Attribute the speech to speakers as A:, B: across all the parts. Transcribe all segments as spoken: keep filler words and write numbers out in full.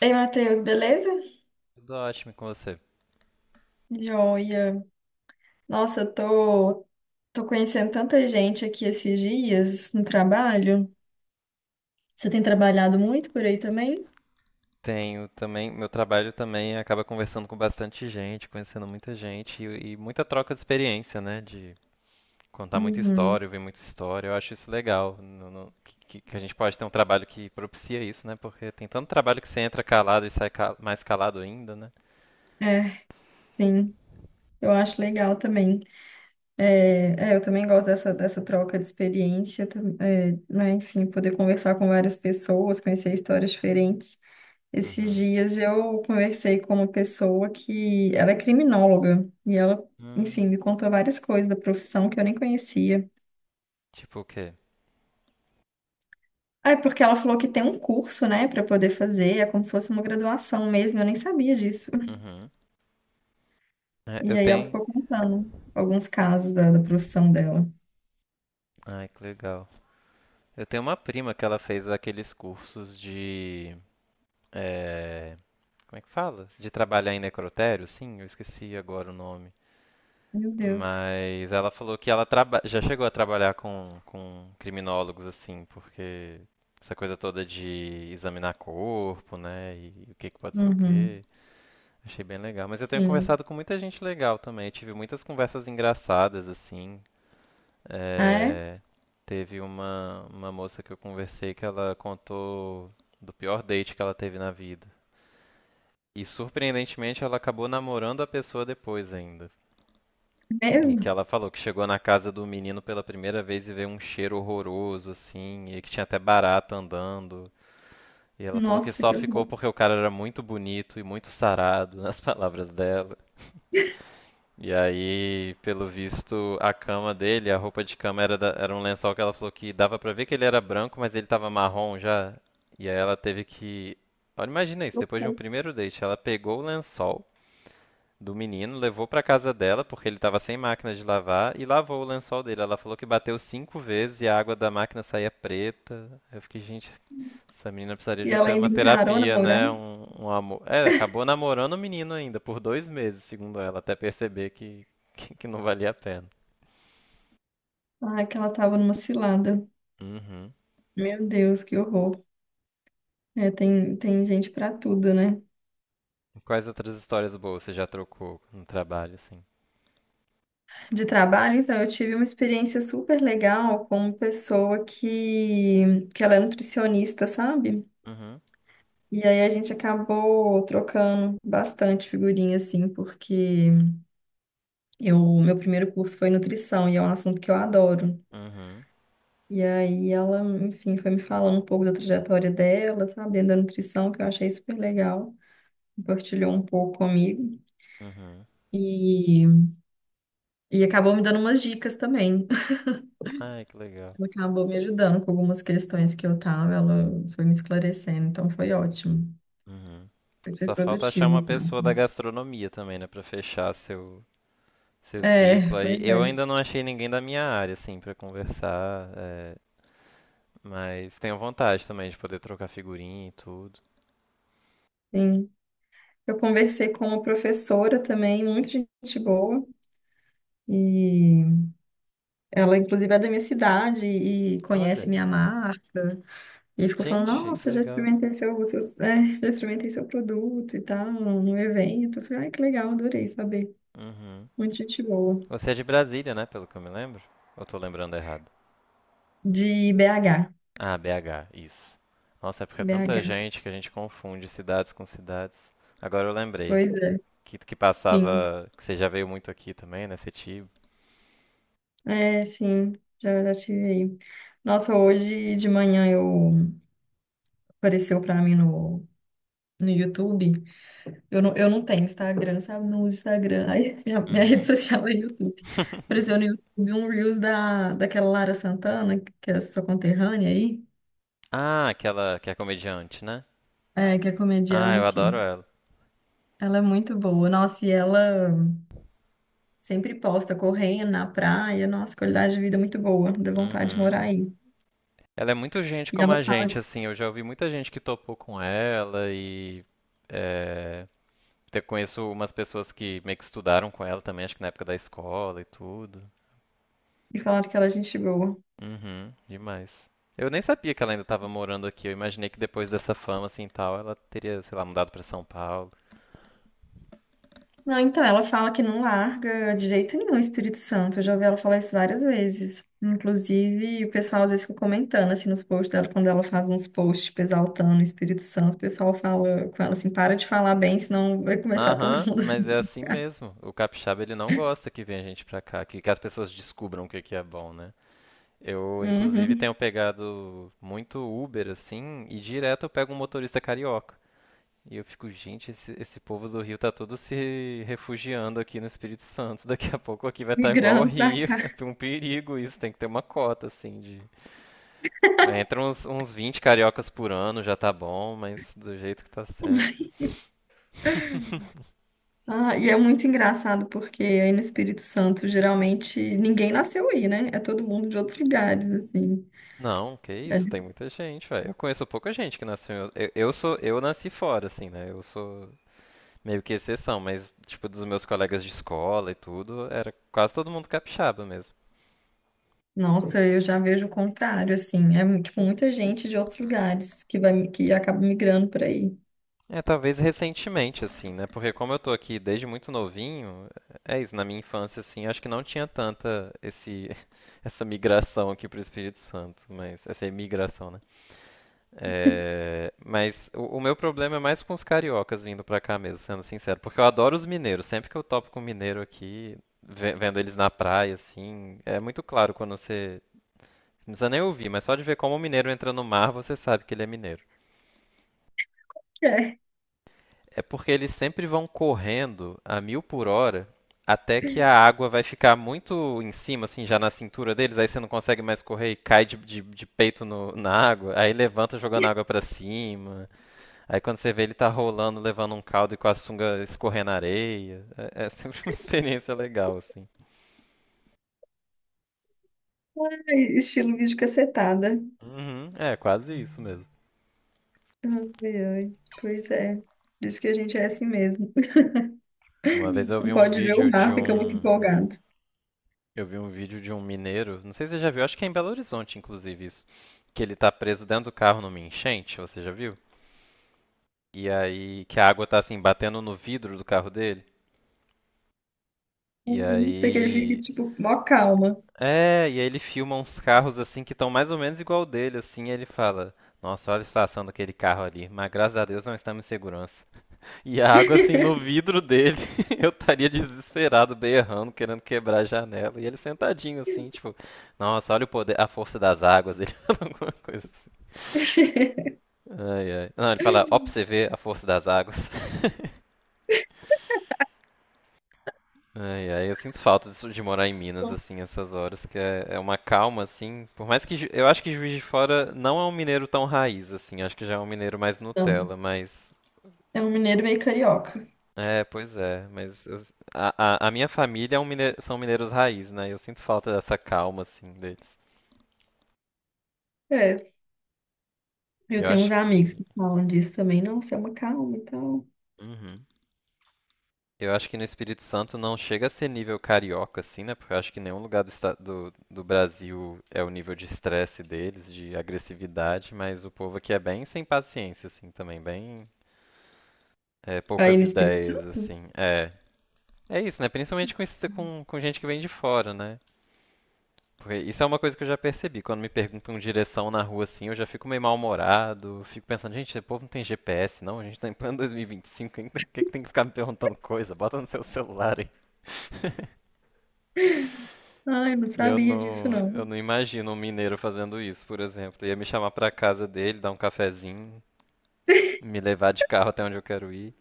A: Ei, Matheus, beleza?
B: Tudo ótimo e com você.
A: Joia. Nossa, eu tô, tô conhecendo tanta gente aqui esses dias no trabalho. Você tem trabalhado muito por aí também?
B: Tenho também, meu trabalho também acaba conversando com bastante gente, conhecendo muita gente e, e muita troca de experiência, né? De contar muita
A: Uhum.
B: história, ouvir muita história. Eu acho isso legal, no- no- que, que a gente pode ter um trabalho que propicia isso, né? Porque tem tanto trabalho que você entra calado e sai ca- mais calado ainda, né?
A: É, sim. Eu acho legal também. É, é, eu também gosto dessa, dessa troca de experiência, tam- é, né? Enfim, poder conversar com várias pessoas, conhecer histórias diferentes. Esses
B: Uhum.
A: dias eu conversei com uma pessoa que ela é criminóloga e ela, enfim,
B: Hum,
A: me contou várias coisas da profissão que eu nem conhecia.
B: tipo o quê?
A: Ah, é porque ela falou que tem um curso, né, para poder fazer, é como se fosse uma graduação mesmo, eu nem sabia disso.
B: Uhum. É, eu
A: E aí ela
B: tenho.
A: ficou contando alguns casos da, da profissão dela.
B: Ai, que legal. Eu tenho uma prima que ela fez aqueles cursos de. eh, Como é que fala? De trabalhar em necrotério? Sim, eu esqueci agora o nome.
A: Meu Deus.
B: Mas ela falou que ela traba- já chegou a trabalhar com, com criminólogos, assim, porque essa coisa toda de examinar corpo, né? E o que que pode ser o
A: Uhum.
B: quê. Achei bem legal. Mas eu tenho
A: Sim.
B: conversado com muita gente legal também. Tive muitas conversas engraçadas, assim.
A: Ah, é?
B: É, teve uma, uma moça que eu conversei que ela contou do pior date que ela teve na vida. E surpreendentemente ela acabou namorando a pessoa depois ainda. E que
A: Mesmo?
B: ela falou que chegou na casa do menino pela primeira vez e veio um cheiro horroroso, assim, e que tinha até barata andando. E ela falou que
A: Nossa,
B: só
A: que
B: ficou
A: horror.
B: porque o cara era muito bonito e muito sarado, nas palavras dela. E aí, pelo visto, a cama dele, a roupa de cama era, da- era um lençol que ela falou que dava pra ver que ele era branco, mas ele tava marrom já. E aí ela teve que. Olha, imagina isso,
A: Que
B: depois de um
A: horror.
B: primeiro date, ela pegou o lençol do menino, levou para casa dela, porque ele estava sem máquina de lavar, e lavou o lençol dele. Ela falou que bateu cinco vezes e a água da máquina saía preta. Eu fiquei, gente, essa menina precisaria
A: E
B: de um
A: ela
B: te-
A: ainda
B: uma
A: encarou
B: terapia,
A: namorar?
B: né? Um, um amor. É, acabou namorando o menino ainda, por dois meses, segundo ela, até perceber que, que, que não valia a pena.
A: Ah, que ela tava numa cilada.
B: Uhum.
A: Meu Deus, que horror. É, tem, tem gente para tudo, né?
B: Quais outras histórias boas você já trocou no trabalho, assim?
A: De trabalho, então, eu tive uma experiência super legal com uma pessoa que, que ela é nutricionista, sabe?
B: Uhum,
A: E aí a gente acabou trocando bastante figurinha, assim, porque eu, meu primeiro curso foi nutrição e é um assunto que eu adoro.
B: uhum,
A: E aí ela, enfim, foi me falando um pouco da trajetória dela, sabe, dentro da nutrição, que eu achei super legal. Compartilhou um pouco comigo
B: uhum.
A: e, e acabou me dando umas dicas também.
B: Ai, que legal.
A: Ela acabou me ajudando com algumas questões que eu tava, ela foi me esclarecendo, então foi ótimo.
B: Uhum.
A: Foi super
B: Só falta achar
A: produtivo,
B: uma
A: cara.
B: pessoa da gastronomia também, né, pra fechar seu seu ciclo
A: É,
B: aí.
A: pois
B: Eu
A: é.
B: ainda não achei ninguém da minha área assim pra conversar, é, mas tenho vontade também de poder trocar figurinha e tudo.
A: Sim. Eu conversei com uma professora também, muito gente boa, e ela, inclusive, é da minha cidade e conhece
B: Olha,
A: minha marca. E ficou falando:
B: gente, que
A: Nossa, já
B: legal.
A: experimentei seu, seus- é, já experimentei seu produto e tal, no evento. Eu falei: Ai, que legal, adorei saber.
B: Uhum.
A: Muito gente boa.
B: Você é de Brasília, né, pelo que eu me lembro? Ou tô lembrando errado?
A: De B H.
B: Ah, B H, isso. Nossa, é porque é tanta
A: B H.
B: gente que a gente confunde cidades com cidades. Agora eu lembrei
A: Pois é,
B: que que
A: sim.
B: passava, que você já veio muito aqui também, né, Setiba.
A: É, sim, já, já tive aí. Nossa, hoje de manhã eu apareceu para mim no, no YouTube. Eu não, eu não tenho Instagram, sabe? Não uso Instagram. Aí, minha, minha rede social é YouTube. Apareceu no YouTube um Reels da, daquela Lara Santana, que é sua conterrânea aí,
B: Ah, aquela que é comediante, né?
A: é, que é
B: Ah, eu
A: comediante.
B: adoro ela.
A: Ela é muito boa. Nossa, e ela sempre posta correndo na praia. Nossa, qualidade de vida é muito boa. Dá vontade de
B: Uhum.
A: morar aí.
B: Ela é muito gente
A: E
B: como
A: ela
B: a
A: fala,
B: gente, assim. Eu já ouvi muita gente que topou com ela e é, te- conheço umas pessoas que meio que estudaram com ela também, acho que na época da escola e tudo.
A: e falaram que ela é gente boa.
B: Uhum, demais. Eu nem sabia que ela ainda estava morando aqui. Eu imaginei que depois dessa fama assim e tal, ela teria, sei lá, mudado para São Paulo.
A: Não, então, ela fala que não larga de jeito nenhum o Espírito Santo. Eu já ouvi ela falar isso várias vezes. Inclusive, o pessoal às vezes fica comentando, assim, nos posts dela, quando ela faz uns posts, tipo, exaltando o Espírito Santo, o pessoal fala com ela assim, para de falar bem, senão vai começar todo
B: Aham,
A: mundo a
B: mas é
A: vir.
B: assim mesmo. O capixaba ele não gosta que venha gente pra cá, que, que as pessoas descubram o que que é bom, né? Eu, inclusive, tenho
A: Uhum,
B: pegado muito Uber, assim, e direto eu pego um motorista carioca. E eu fico, gente, esse, esse povo do Rio tá todo se refugiando aqui no Espírito Santo. Daqui a pouco aqui vai estar igual ao
A: migrando pra
B: Rio.
A: cá.
B: É um perigo isso, tem que ter uma cota, assim, de... Entra uns, uns vinte cariocas por ano, já tá bom, mas do jeito que tá sendo.
A: Ah, e é muito engraçado, porque aí no Espírito Santo, geralmente, ninguém nasceu aí, né? É todo mundo de outros lugares, assim.
B: Não, que isso, tem
A: É.
B: muita gente, velho. Eu conheço pouca gente que nasceu. em outro- Eu, eu sou, eu nasci fora, assim, né? Eu sou, meio que exceção, mas tipo dos meus colegas de escola e tudo, era quase todo mundo capixaba mesmo.
A: Nossa, eu já vejo o contrário, assim. É, mu- tipo, muita gente de outros lugares que vai, que acaba migrando por aí.
B: É, talvez recentemente assim, né? Porque como eu tô aqui desde muito novinho, é isso, na minha infância assim, eu acho que não tinha tanta esse essa migração aqui pro Espírito Santo, mas essa imigração, né? É, mas o, o meu problema é mais com os cariocas vindo pra cá mesmo, sendo sincero, porque eu adoro os mineiros, sempre que eu topo com mineiro aqui, ve- vendo eles na praia assim, é muito claro quando você Não precisa nem ouvir, mas só de ver como o mineiro entra no mar, você sabe que ele é mineiro.
A: É.
B: É porque eles sempre vão correndo a mil por hora até que a água vai ficar muito em cima, assim, já na cintura deles, aí você não consegue mais correr e cai de, de- de peito no- na água, aí levanta jogando água pra cima, aí quando você vê ele tá rolando, levando um caldo e com a sunga escorrendo na areia. É, é sempre uma experiência legal, assim.
A: Ai, estilo vídeo cacetada.
B: Uhum, é, quase isso mesmo.
A: Ai, ai. Pois é. Diz que a gente é assim mesmo.
B: Uma vez eu
A: Não
B: vi um
A: pode ver o
B: vídeo de
A: mar, fica muito
B: um
A: empolgado.
B: Eu vi um vídeo de um mineiro, não sei se você já viu, acho que é em Belo Horizonte, inclusive, isso. Que ele tá preso dentro do carro numa enchente, você já viu? E aí, que a água tá assim, batendo no vidro do carro dele. E
A: Não sei que ele fica,
B: aí.
A: tipo, mó calma.
B: É, e aí ele filma uns carros assim que estão mais ou menos igual o dele, assim, e ele fala: Nossa, olha a situação daquele carro ali, mas graças a Deus não estamos em segurança. E a água, assim, no vidro dele, eu estaria desesperado, berrando, querendo quebrar a janela. E ele sentadinho, assim, tipo, nossa, olha o poder, a força das águas. Ele fala alguma coisa. Assim. Ai, ai. Não, ele fala, ó, pra você ver a força das águas. Ai, ai, eu sinto falta disso de morar em Minas, assim, essas horas, que é, é uma calma, assim. Por mais que Ju- eu acho que Juiz de Fora não é um mineiro tão raiz, assim, acho que já é um mineiro mais
A: Não.
B: Nutella, mas
A: É um mineiro meio carioca.
B: É, pois é, mas eu- a, a- a minha família é um mine- são mineiros raiz, né? Eu sinto falta dessa calma, assim, deles.
A: É. Eu
B: Eu
A: tenho uns
B: acho
A: amigos
B: que.
A: que falam disso também. Nossa, é uma calma e tal.
B: Uhum. Eu acho que no Espírito Santo não chega a ser nível carioca, assim, né? Porque eu acho que nenhum lugar do, esta- do, do Brasil é o nível de estresse deles, de agressividade, mas o povo aqui é bem sem paciência, assim, também, bem é,
A: Aí
B: poucas
A: no Espírito
B: ideias,
A: Santo?
B: assim. É, é isso, né? Principalmente com, esse- com, com gente que vem de fora, né? Porque isso é uma coisa que eu já percebi. Quando me perguntam direção na rua assim, eu já fico meio mal-humorado. Fico pensando, gente, esse povo não tem G P S, não? A gente tá em plano dois mil e vinte e cinco, quem tem quem que tem que ficar me perguntando coisa? Bota no seu celular aí.
A: Ai, eu não
B: E eu
A: sabia disso,
B: não, eu
A: não.
B: não imagino um mineiro fazendo isso, por exemplo. Ia me chamar pra casa dele, dar um cafezinho, me levar de carro até onde eu quero ir.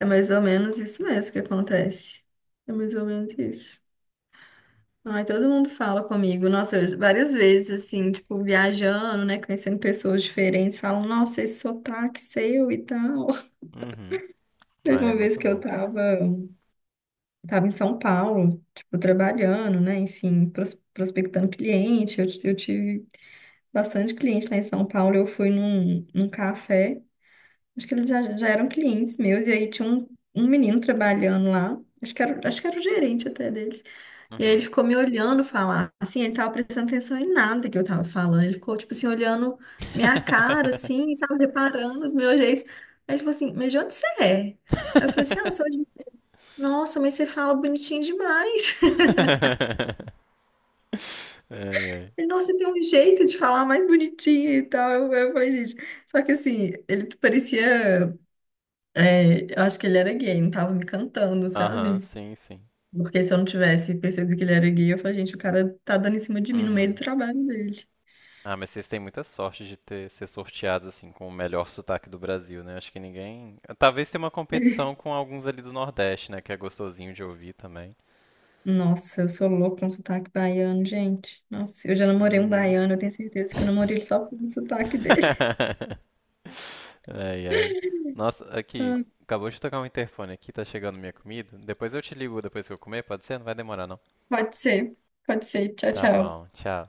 A: É mais ou menos isso mesmo que acontece. É mais ou menos isso. Ai, todo mundo fala comigo, nossa, eu- várias vezes, assim, tipo, viajando, né, conhecendo pessoas diferentes, falam, nossa, esse sotaque seu e tal.
B: Uhum. Ah,
A: Teve
B: é
A: uma vez
B: muito
A: que eu
B: bom.
A: tava, tava em São Paulo, tipo, trabalhando, né, enfim, pros- prospectando cliente, eu, eu tive bastante cliente lá em São Paulo, eu fui num, num café, acho que eles já, já eram clientes meus, e aí tinha um, um menino trabalhando lá, acho que era, acho que era o gerente até deles. E aí ele
B: Uhum.
A: ficou me olhando falar. Assim, ele tava prestando atenção em nada que eu tava falando. Ele ficou, tipo assim, olhando minha cara, assim, sabe, reparando os meus jeitos. Aí ele falou assim, mas de onde você é? Aí eu falei assim, ah, eu sou de... Nossa, mas você fala bonitinho demais.
B: Ai, ai.
A: Ele, nossa, você tem um jeito de falar mais bonitinho e tal. Eu, eu falei, gente, só que assim, ele parecia, é, eu acho que ele era gay, não tava me cantando,
B: Aham,
A: sabe?
B: sim, sim.
A: Porque se eu não tivesse percebido que ele era gay, eu falei, gente, o cara tá dando em cima de mim no meio do
B: Uhum.
A: trabalho dele.
B: Ah, mas vocês têm muita sorte de ter ser sorteados assim com o melhor sotaque do Brasil, né? Acho que ninguém. Talvez tenha uma competição com alguns ali do Nordeste, né? Que é gostosinho de ouvir também.
A: Nossa, eu sou louca com sotaque baiano, gente. Nossa, eu já namorei um
B: Uhum.
A: baiano, eu tenho certeza que eu namorei ele só pelo sotaque dele.
B: Ai, ai. Nossa, aqui,
A: Ah,
B: acabou de tocar um interfone aqui, tá chegando minha comida. Depois eu te ligo depois que eu comer, pode ser? Não vai demorar, não.
A: pode ser, pode ser. Tchau,
B: Tá bom,
A: tchau.
B: tchau.